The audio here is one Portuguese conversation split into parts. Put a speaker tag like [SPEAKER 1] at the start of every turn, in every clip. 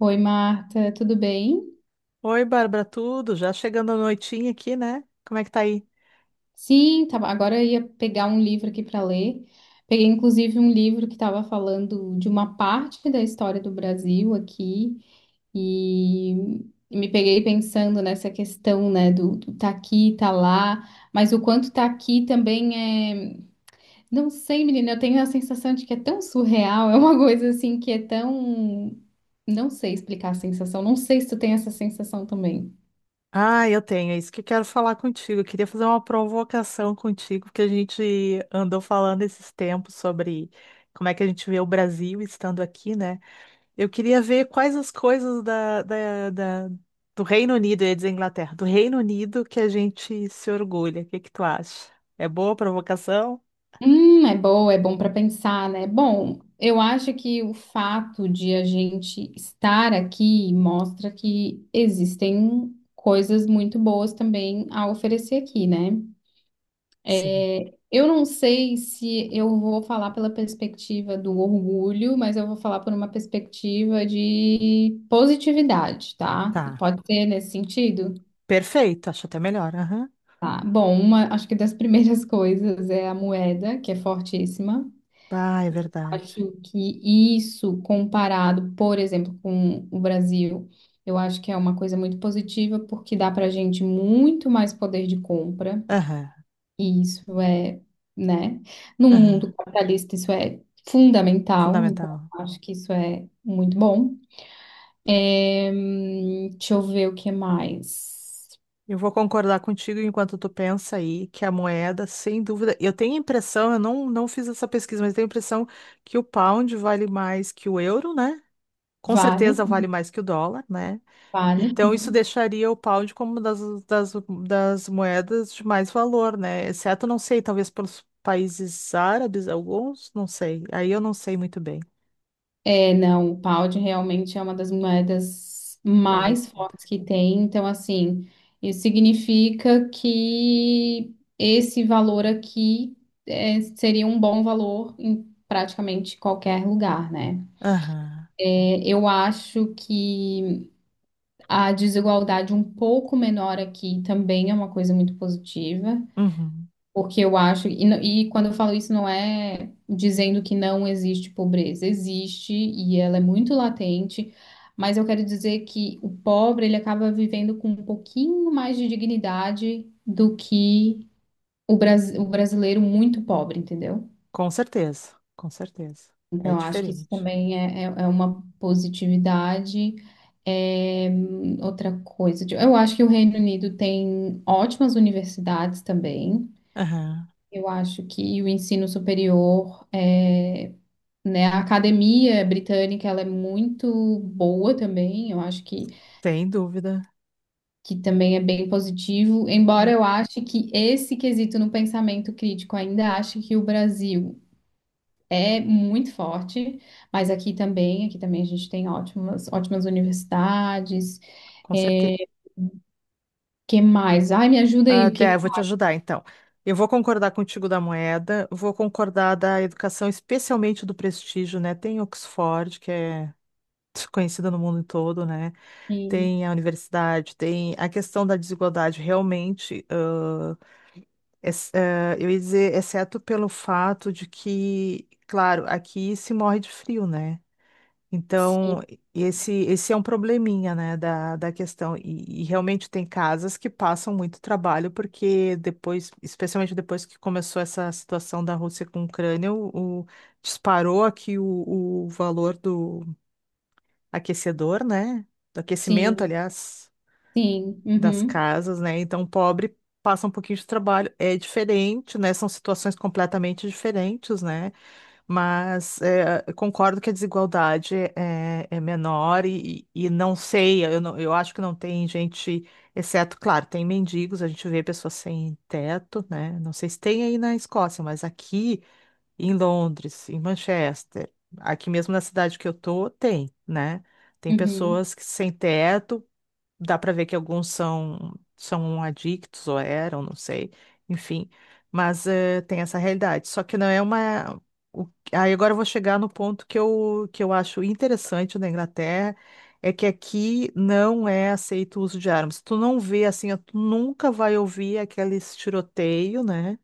[SPEAKER 1] Oi, Marta, tudo bem?
[SPEAKER 2] Oi, Bárbara, tudo? Já chegando a noitinha aqui, né? Como é que tá aí?
[SPEAKER 1] Sim, tava, agora eu ia pegar um livro aqui para ler. Peguei inclusive um livro que estava falando de uma parte da história do Brasil aqui e, me peguei pensando nessa questão, né, do tá aqui, tá lá, mas o quanto tá aqui também é, não sei, menina, eu tenho a sensação de que é tão surreal, é uma coisa assim que é tão, não sei explicar a sensação, não sei se tu tem essa sensação também.
[SPEAKER 2] Ah, eu tenho, é isso que eu quero falar contigo. Eu queria fazer uma provocação contigo, porque a gente andou falando esses tempos sobre como é que a gente vê o Brasil estando aqui, né? Eu queria ver quais as coisas da, da- da- do Reino Unido, eu ia dizer Inglaterra, do Reino Unido que a gente se orgulha. O que que tu acha? É boa a provocação?
[SPEAKER 1] É boa, é bom para pensar, né? Bom, eu acho que o fato de a gente estar aqui mostra que existem coisas muito boas também a oferecer aqui, né?
[SPEAKER 2] Sim.
[SPEAKER 1] É, eu não sei se eu vou falar pela perspectiva do orgulho, mas eu vou falar por uma perspectiva de positividade, tá?
[SPEAKER 2] Tá.
[SPEAKER 1] Pode ser nesse sentido?
[SPEAKER 2] Perfeito, acho até melhor. Aham.
[SPEAKER 1] Tá. Bom, uma, acho que das primeiras coisas é a moeda, que é fortíssima.
[SPEAKER 2] Ah, é verdade.
[SPEAKER 1] Acho que isso, comparado, por exemplo, com o Brasil, eu acho que é uma coisa muito positiva, porque dá para gente muito mais poder de compra,
[SPEAKER 2] Aham.
[SPEAKER 1] e isso é, né? No
[SPEAKER 2] Aham.
[SPEAKER 1] mundo capitalista, isso é fundamental, então
[SPEAKER 2] Fundamental.
[SPEAKER 1] eu acho que isso é muito bom. Deixa eu ver o que mais.
[SPEAKER 2] Eu vou concordar contigo enquanto tu pensa aí que a moeda, sem dúvida, eu tenho a impressão, eu não fiz essa pesquisa, mas eu tenho a impressão que o pound vale mais que o euro, né? Com
[SPEAKER 1] Vale,
[SPEAKER 2] certeza vale mais que o dólar, né?
[SPEAKER 1] vale.
[SPEAKER 2] Então isso
[SPEAKER 1] Uhum.
[SPEAKER 2] deixaria o pound como uma das, das moedas de mais valor, né? Exceto, não sei, talvez pelos países árabes, alguns, não sei. Aí eu não sei muito bem.
[SPEAKER 1] É, não, o pound realmente é uma das moedas mais
[SPEAKER 2] Valorizado.
[SPEAKER 1] fortes que tem. Então, assim, isso significa que esse valor aqui é, seria um bom valor em praticamente qualquer lugar, né?
[SPEAKER 2] Aham.
[SPEAKER 1] É, eu acho que a desigualdade um pouco menor aqui também é uma coisa muito positiva.
[SPEAKER 2] Uhum.
[SPEAKER 1] Porque eu acho, e, e quando eu falo isso, não é dizendo que não existe pobreza, existe e ela é muito latente, mas eu quero dizer que o pobre ele acaba vivendo com um pouquinho mais de dignidade do que o, o brasileiro muito pobre, entendeu?
[SPEAKER 2] Com certeza, com certeza. É
[SPEAKER 1] Então, eu acho que isso
[SPEAKER 2] diferente.
[SPEAKER 1] também é uma positividade. É, outra coisa, eu acho que o Reino Unido tem ótimas universidades também.
[SPEAKER 2] Aham.
[SPEAKER 1] Eu acho que o ensino superior, é, né, a academia britânica, ela é muito boa também, eu acho
[SPEAKER 2] Sem dúvida,
[SPEAKER 1] que também é bem positivo, embora
[SPEAKER 2] né?
[SPEAKER 1] eu ache que esse quesito no pensamento crítico ainda acho que o Brasil é muito forte, mas aqui também a gente tem ótimas, ótimas universidades,
[SPEAKER 2] Com certeza.
[SPEAKER 1] é, que mais? Ai, me ajuda aí,
[SPEAKER 2] Ah,
[SPEAKER 1] o que
[SPEAKER 2] Dé, eu
[SPEAKER 1] que...
[SPEAKER 2] vou te ajudar, então. Eu vou concordar contigo da moeda, vou concordar da educação, especialmente do prestígio, né? Tem Oxford, que é conhecida no mundo todo, né?
[SPEAKER 1] Sim,
[SPEAKER 2] Tem a universidade, tem a questão da desigualdade, realmente, eu ia dizer, exceto pelo fato de que, claro, aqui se morre de frio, né?
[SPEAKER 1] sim,
[SPEAKER 2] Então, esse é um probleminha, né, da questão. E realmente tem casas que passam muito trabalho, porque depois, especialmente depois que começou essa situação da Rússia com a Ucrânia, disparou aqui o valor do aquecedor, né? Do aquecimento,
[SPEAKER 1] sim,
[SPEAKER 2] aliás,
[SPEAKER 1] sim,
[SPEAKER 2] das
[SPEAKER 1] uhum,
[SPEAKER 2] casas, né? Então, o pobre passa um pouquinho de trabalho. É diferente, né? São situações completamente diferentes, né? Mas é, eu concordo que a desigualdade é menor e não sei, eu acho que não tem gente, exceto, claro, tem mendigos, a gente vê pessoas sem teto, né? Não sei se tem aí na Escócia, mas aqui em Londres, em Manchester, aqui mesmo na cidade que eu tô, tem, né? Tem
[SPEAKER 1] uhum,
[SPEAKER 2] pessoas que sem teto, dá para ver que alguns são adictos ou eram, não sei, enfim, mas tem essa realidade. Só que não é o- Aí agora eu vou chegar no ponto que eu acho interessante na Inglaterra, é que aqui não é aceito o uso de armas. Tu não vê assim, ó, tu nunca vai ouvir aqueles tiroteio, né?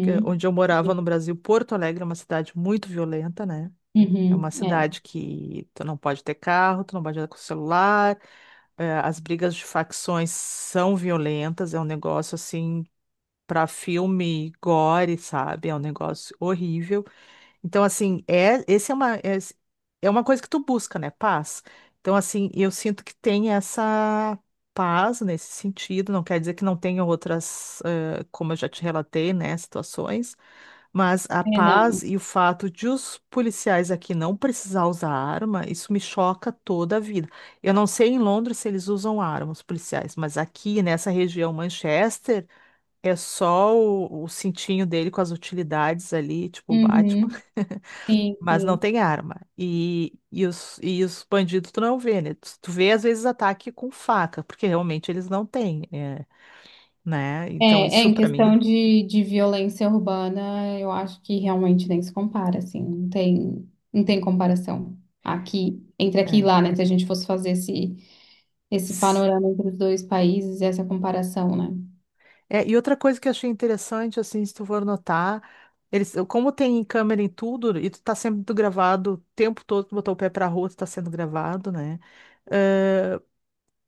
[SPEAKER 2] Onde eu morava no
[SPEAKER 1] Uhum.
[SPEAKER 2] Brasil, Porto Alegre é uma cidade muito violenta, né? É
[SPEAKER 1] Uhum,
[SPEAKER 2] uma
[SPEAKER 1] é,
[SPEAKER 2] cidade que tu não pode ter carro, tu não pode andar com celular, as brigas de facções são violentas, é um negócio assim para filme gore, sabe? É um negócio horrível. Então, assim, esse é uma coisa que tu busca, né? Paz. Então, assim, eu sinto que tem essa paz nesse sentido. Não quer dizer que não tenha outras, como eu já te relatei, né? Situações. Mas a
[SPEAKER 1] é não.
[SPEAKER 2] paz e o fato de os policiais aqui não precisar usar arma, isso me choca toda a vida. Eu não sei em Londres se eles usam arma, os policiais, mas aqui nessa região, Manchester, é só o cintinho dele com as utilidades ali, tipo Batman,
[SPEAKER 1] Uhum, sim,
[SPEAKER 2] mas não
[SPEAKER 1] sim.
[SPEAKER 2] tem arma. E os bandidos tu não vê, né? Tu vê às vezes ataque com faca, porque realmente eles não têm, né?
[SPEAKER 1] É,
[SPEAKER 2] Então
[SPEAKER 1] é,
[SPEAKER 2] isso
[SPEAKER 1] em
[SPEAKER 2] pra mim.
[SPEAKER 1] questão de violência urbana, eu acho que realmente nem se compara, assim, não tem, não tem comparação aqui, entre aqui e
[SPEAKER 2] É.
[SPEAKER 1] lá, né? Se a gente fosse fazer esse, esse panorama entre os dois países, essa comparação, né?
[SPEAKER 2] É, e outra coisa que eu achei interessante, assim, se tu for notar, eles, como tem câmera em tudo, e tu tá sendo gravado o tempo todo, tu botou o pé pra rua, tu tá sendo gravado, né?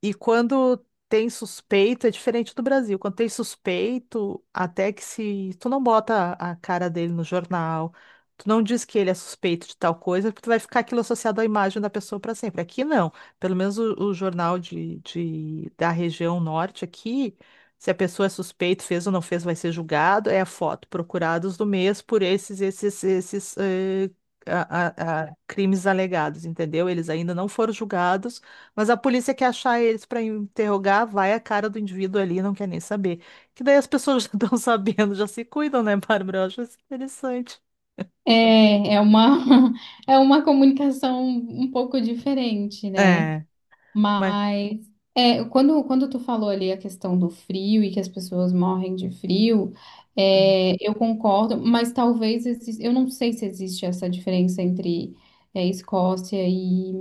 [SPEAKER 2] E quando tem suspeito, é diferente do Brasil. Quando tem suspeito, até que se tu não bota a cara dele no jornal, tu não diz que ele é suspeito de tal coisa, porque tu vai ficar aquilo associado à imagem da pessoa para sempre. Aqui não. Pelo menos o jornal de- da região norte aqui, se a pessoa é suspeita, fez ou não fez, vai ser julgado, é a foto. Procurados do mês por esses, esses, esses, eh, a crimes alegados, entendeu? Eles ainda não foram julgados, mas a polícia quer achar eles para interrogar, vai a cara do indivíduo ali, não quer nem saber. Que daí as pessoas já estão sabendo, já se cuidam, né, Bárbara? Eu acho isso interessante.
[SPEAKER 1] É, é uma, é uma comunicação um pouco diferente, né?
[SPEAKER 2] É, mas.
[SPEAKER 1] Mas é, quando, quando tu falou ali a questão do frio e que as pessoas morrem de frio,
[SPEAKER 2] é,
[SPEAKER 1] é, eu concordo, mas talvez eu não sei se existe essa diferença entre é, Escócia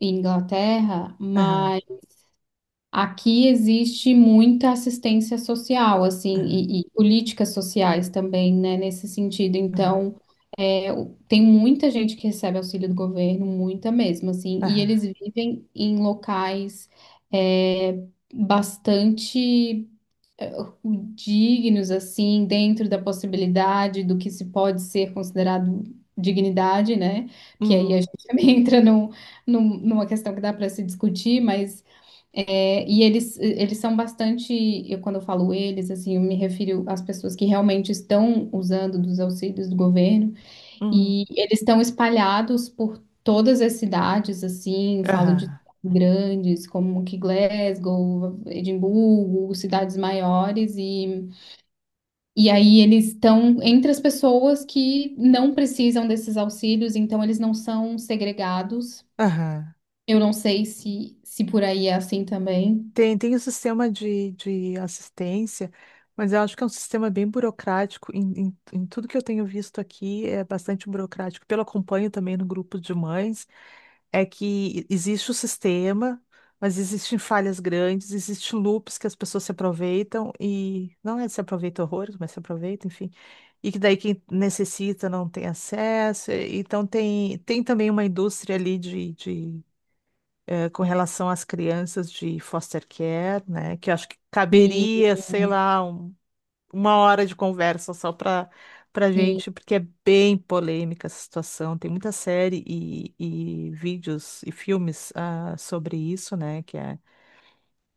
[SPEAKER 1] e Inglaterra,
[SPEAKER 2] Aham,
[SPEAKER 1] mas aqui existe muita assistência social, assim,
[SPEAKER 2] aham,
[SPEAKER 1] e políticas sociais também, né, nesse sentido.
[SPEAKER 2] aham,
[SPEAKER 1] Então tem muita gente que recebe auxílio do governo, muita mesmo, assim, e
[SPEAKER 2] aham.
[SPEAKER 1] eles vivem em locais é, bastante é, dignos, assim, dentro da possibilidade do que se pode ser considerado dignidade, né? Que aí a
[SPEAKER 2] Uhum,
[SPEAKER 1] gente também entra num, numa questão que dá para se discutir, mas é, e eles são bastante, eu quando eu falo eles, assim, eu me refiro às pessoas que realmente estão usando dos auxílios do governo.
[SPEAKER 2] uhum,
[SPEAKER 1] E eles estão espalhados por todas as cidades, assim, falo de
[SPEAKER 2] aham,
[SPEAKER 1] grandes como que Glasgow, Edimburgo, cidades maiores, e aí eles estão entre as pessoas que não precisam desses auxílios, então eles não são segregados.
[SPEAKER 2] aham.
[SPEAKER 1] Eu não sei se, se por aí é assim também.
[SPEAKER 2] Tem, tem o sistema de assistência, mas eu acho que é um sistema bem burocrático. Em tudo que eu tenho visto aqui, é bastante burocrático. Pelo acompanho também no grupo de mães. Que existe o sistema, mas existem falhas grandes, existem loops que as pessoas se aproveitam e não é se aproveita horrores, mas se aproveita, enfim. E que daí quem necessita não tem acesso. Então tem, tem também uma indústria ali de com relação às crianças de foster care, né? Que eu acho que
[SPEAKER 1] E,
[SPEAKER 2] caberia, sei lá, uma hora de conversa só para
[SPEAKER 1] e-
[SPEAKER 2] gente, porque é bem polêmica essa situação. Tem muita série e vídeos e filmes sobre isso, né? Que é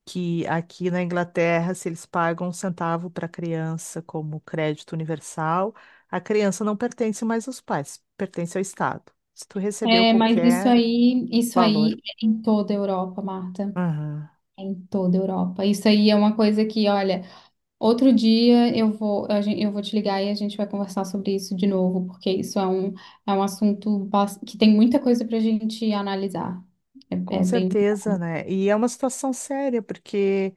[SPEAKER 2] que aqui na Inglaterra, se eles pagam um centavo para a criança como crédito universal, a criança não pertence mais aos pais, pertence ao Estado. Se tu recebeu
[SPEAKER 1] é, mas
[SPEAKER 2] qualquer
[SPEAKER 1] isso
[SPEAKER 2] valor.
[SPEAKER 1] aí é em toda a Europa, Marta.
[SPEAKER 2] Aham.
[SPEAKER 1] É em toda a Europa. Isso aí é uma coisa que, olha. Outro dia eu vou, eu vou te ligar e a gente vai conversar sobre isso de novo, porque isso é um assunto que tem muita coisa para a gente analisar. É,
[SPEAKER 2] Com
[SPEAKER 1] é bem.
[SPEAKER 2] certeza, né? E é uma situação séria, porque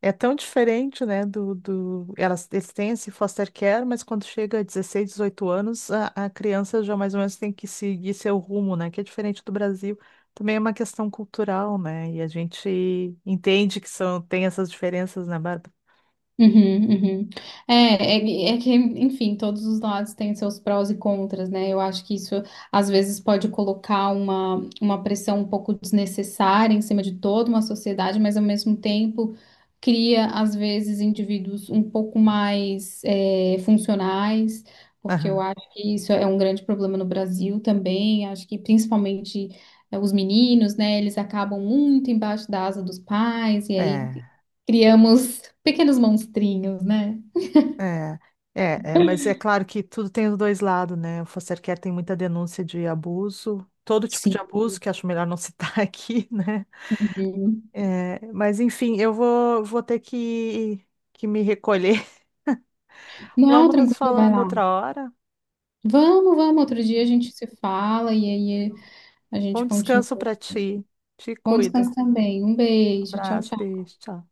[SPEAKER 2] é tão diferente, né, do, do... Elas, eles têm esse foster care, mas quando chega a 16, 18 anos, a criança já mais ou menos tem que seguir seu rumo, né, que é diferente do Brasil. Também é uma questão cultural, né, e a gente entende que são, tem essas diferenças, né, Bárbara?
[SPEAKER 1] Uhum, uhum. É, é, é que, enfim, todos os lados têm seus prós e contras, né? Eu acho que isso às vezes pode colocar uma pressão um pouco desnecessária em cima de toda uma sociedade, mas ao mesmo tempo cria, às vezes, indivíduos um pouco mais é, funcionais, porque eu
[SPEAKER 2] Aham.
[SPEAKER 1] acho que isso é um grande problema no Brasil também. Acho que principalmente. É, os meninos, né? Eles acabam muito embaixo da asa dos pais, e aí
[SPEAKER 2] É,
[SPEAKER 1] criamos pequenos monstrinhos, né?
[SPEAKER 2] é, é, mas é claro que tudo tem os dois lados, né? O foster care tem muita denúncia de abuso, todo tipo de
[SPEAKER 1] Sim.
[SPEAKER 2] abuso, que acho melhor não citar aqui, né?
[SPEAKER 1] Uhum.
[SPEAKER 2] É, mas enfim, eu vou ter que me recolher.
[SPEAKER 1] Não,
[SPEAKER 2] Vamos nos
[SPEAKER 1] tranquilo, vai
[SPEAKER 2] falando
[SPEAKER 1] lá.
[SPEAKER 2] outra hora.
[SPEAKER 1] Vamos, vamos. Outro dia a gente se fala e aí a
[SPEAKER 2] Bom
[SPEAKER 1] gente
[SPEAKER 2] descanso
[SPEAKER 1] continua.
[SPEAKER 2] para ti. Te
[SPEAKER 1] Bom descanso
[SPEAKER 2] cuida.
[SPEAKER 1] também. Um beijo. Tchau,
[SPEAKER 2] Abraço,
[SPEAKER 1] tchau.
[SPEAKER 2] beijo, tchau.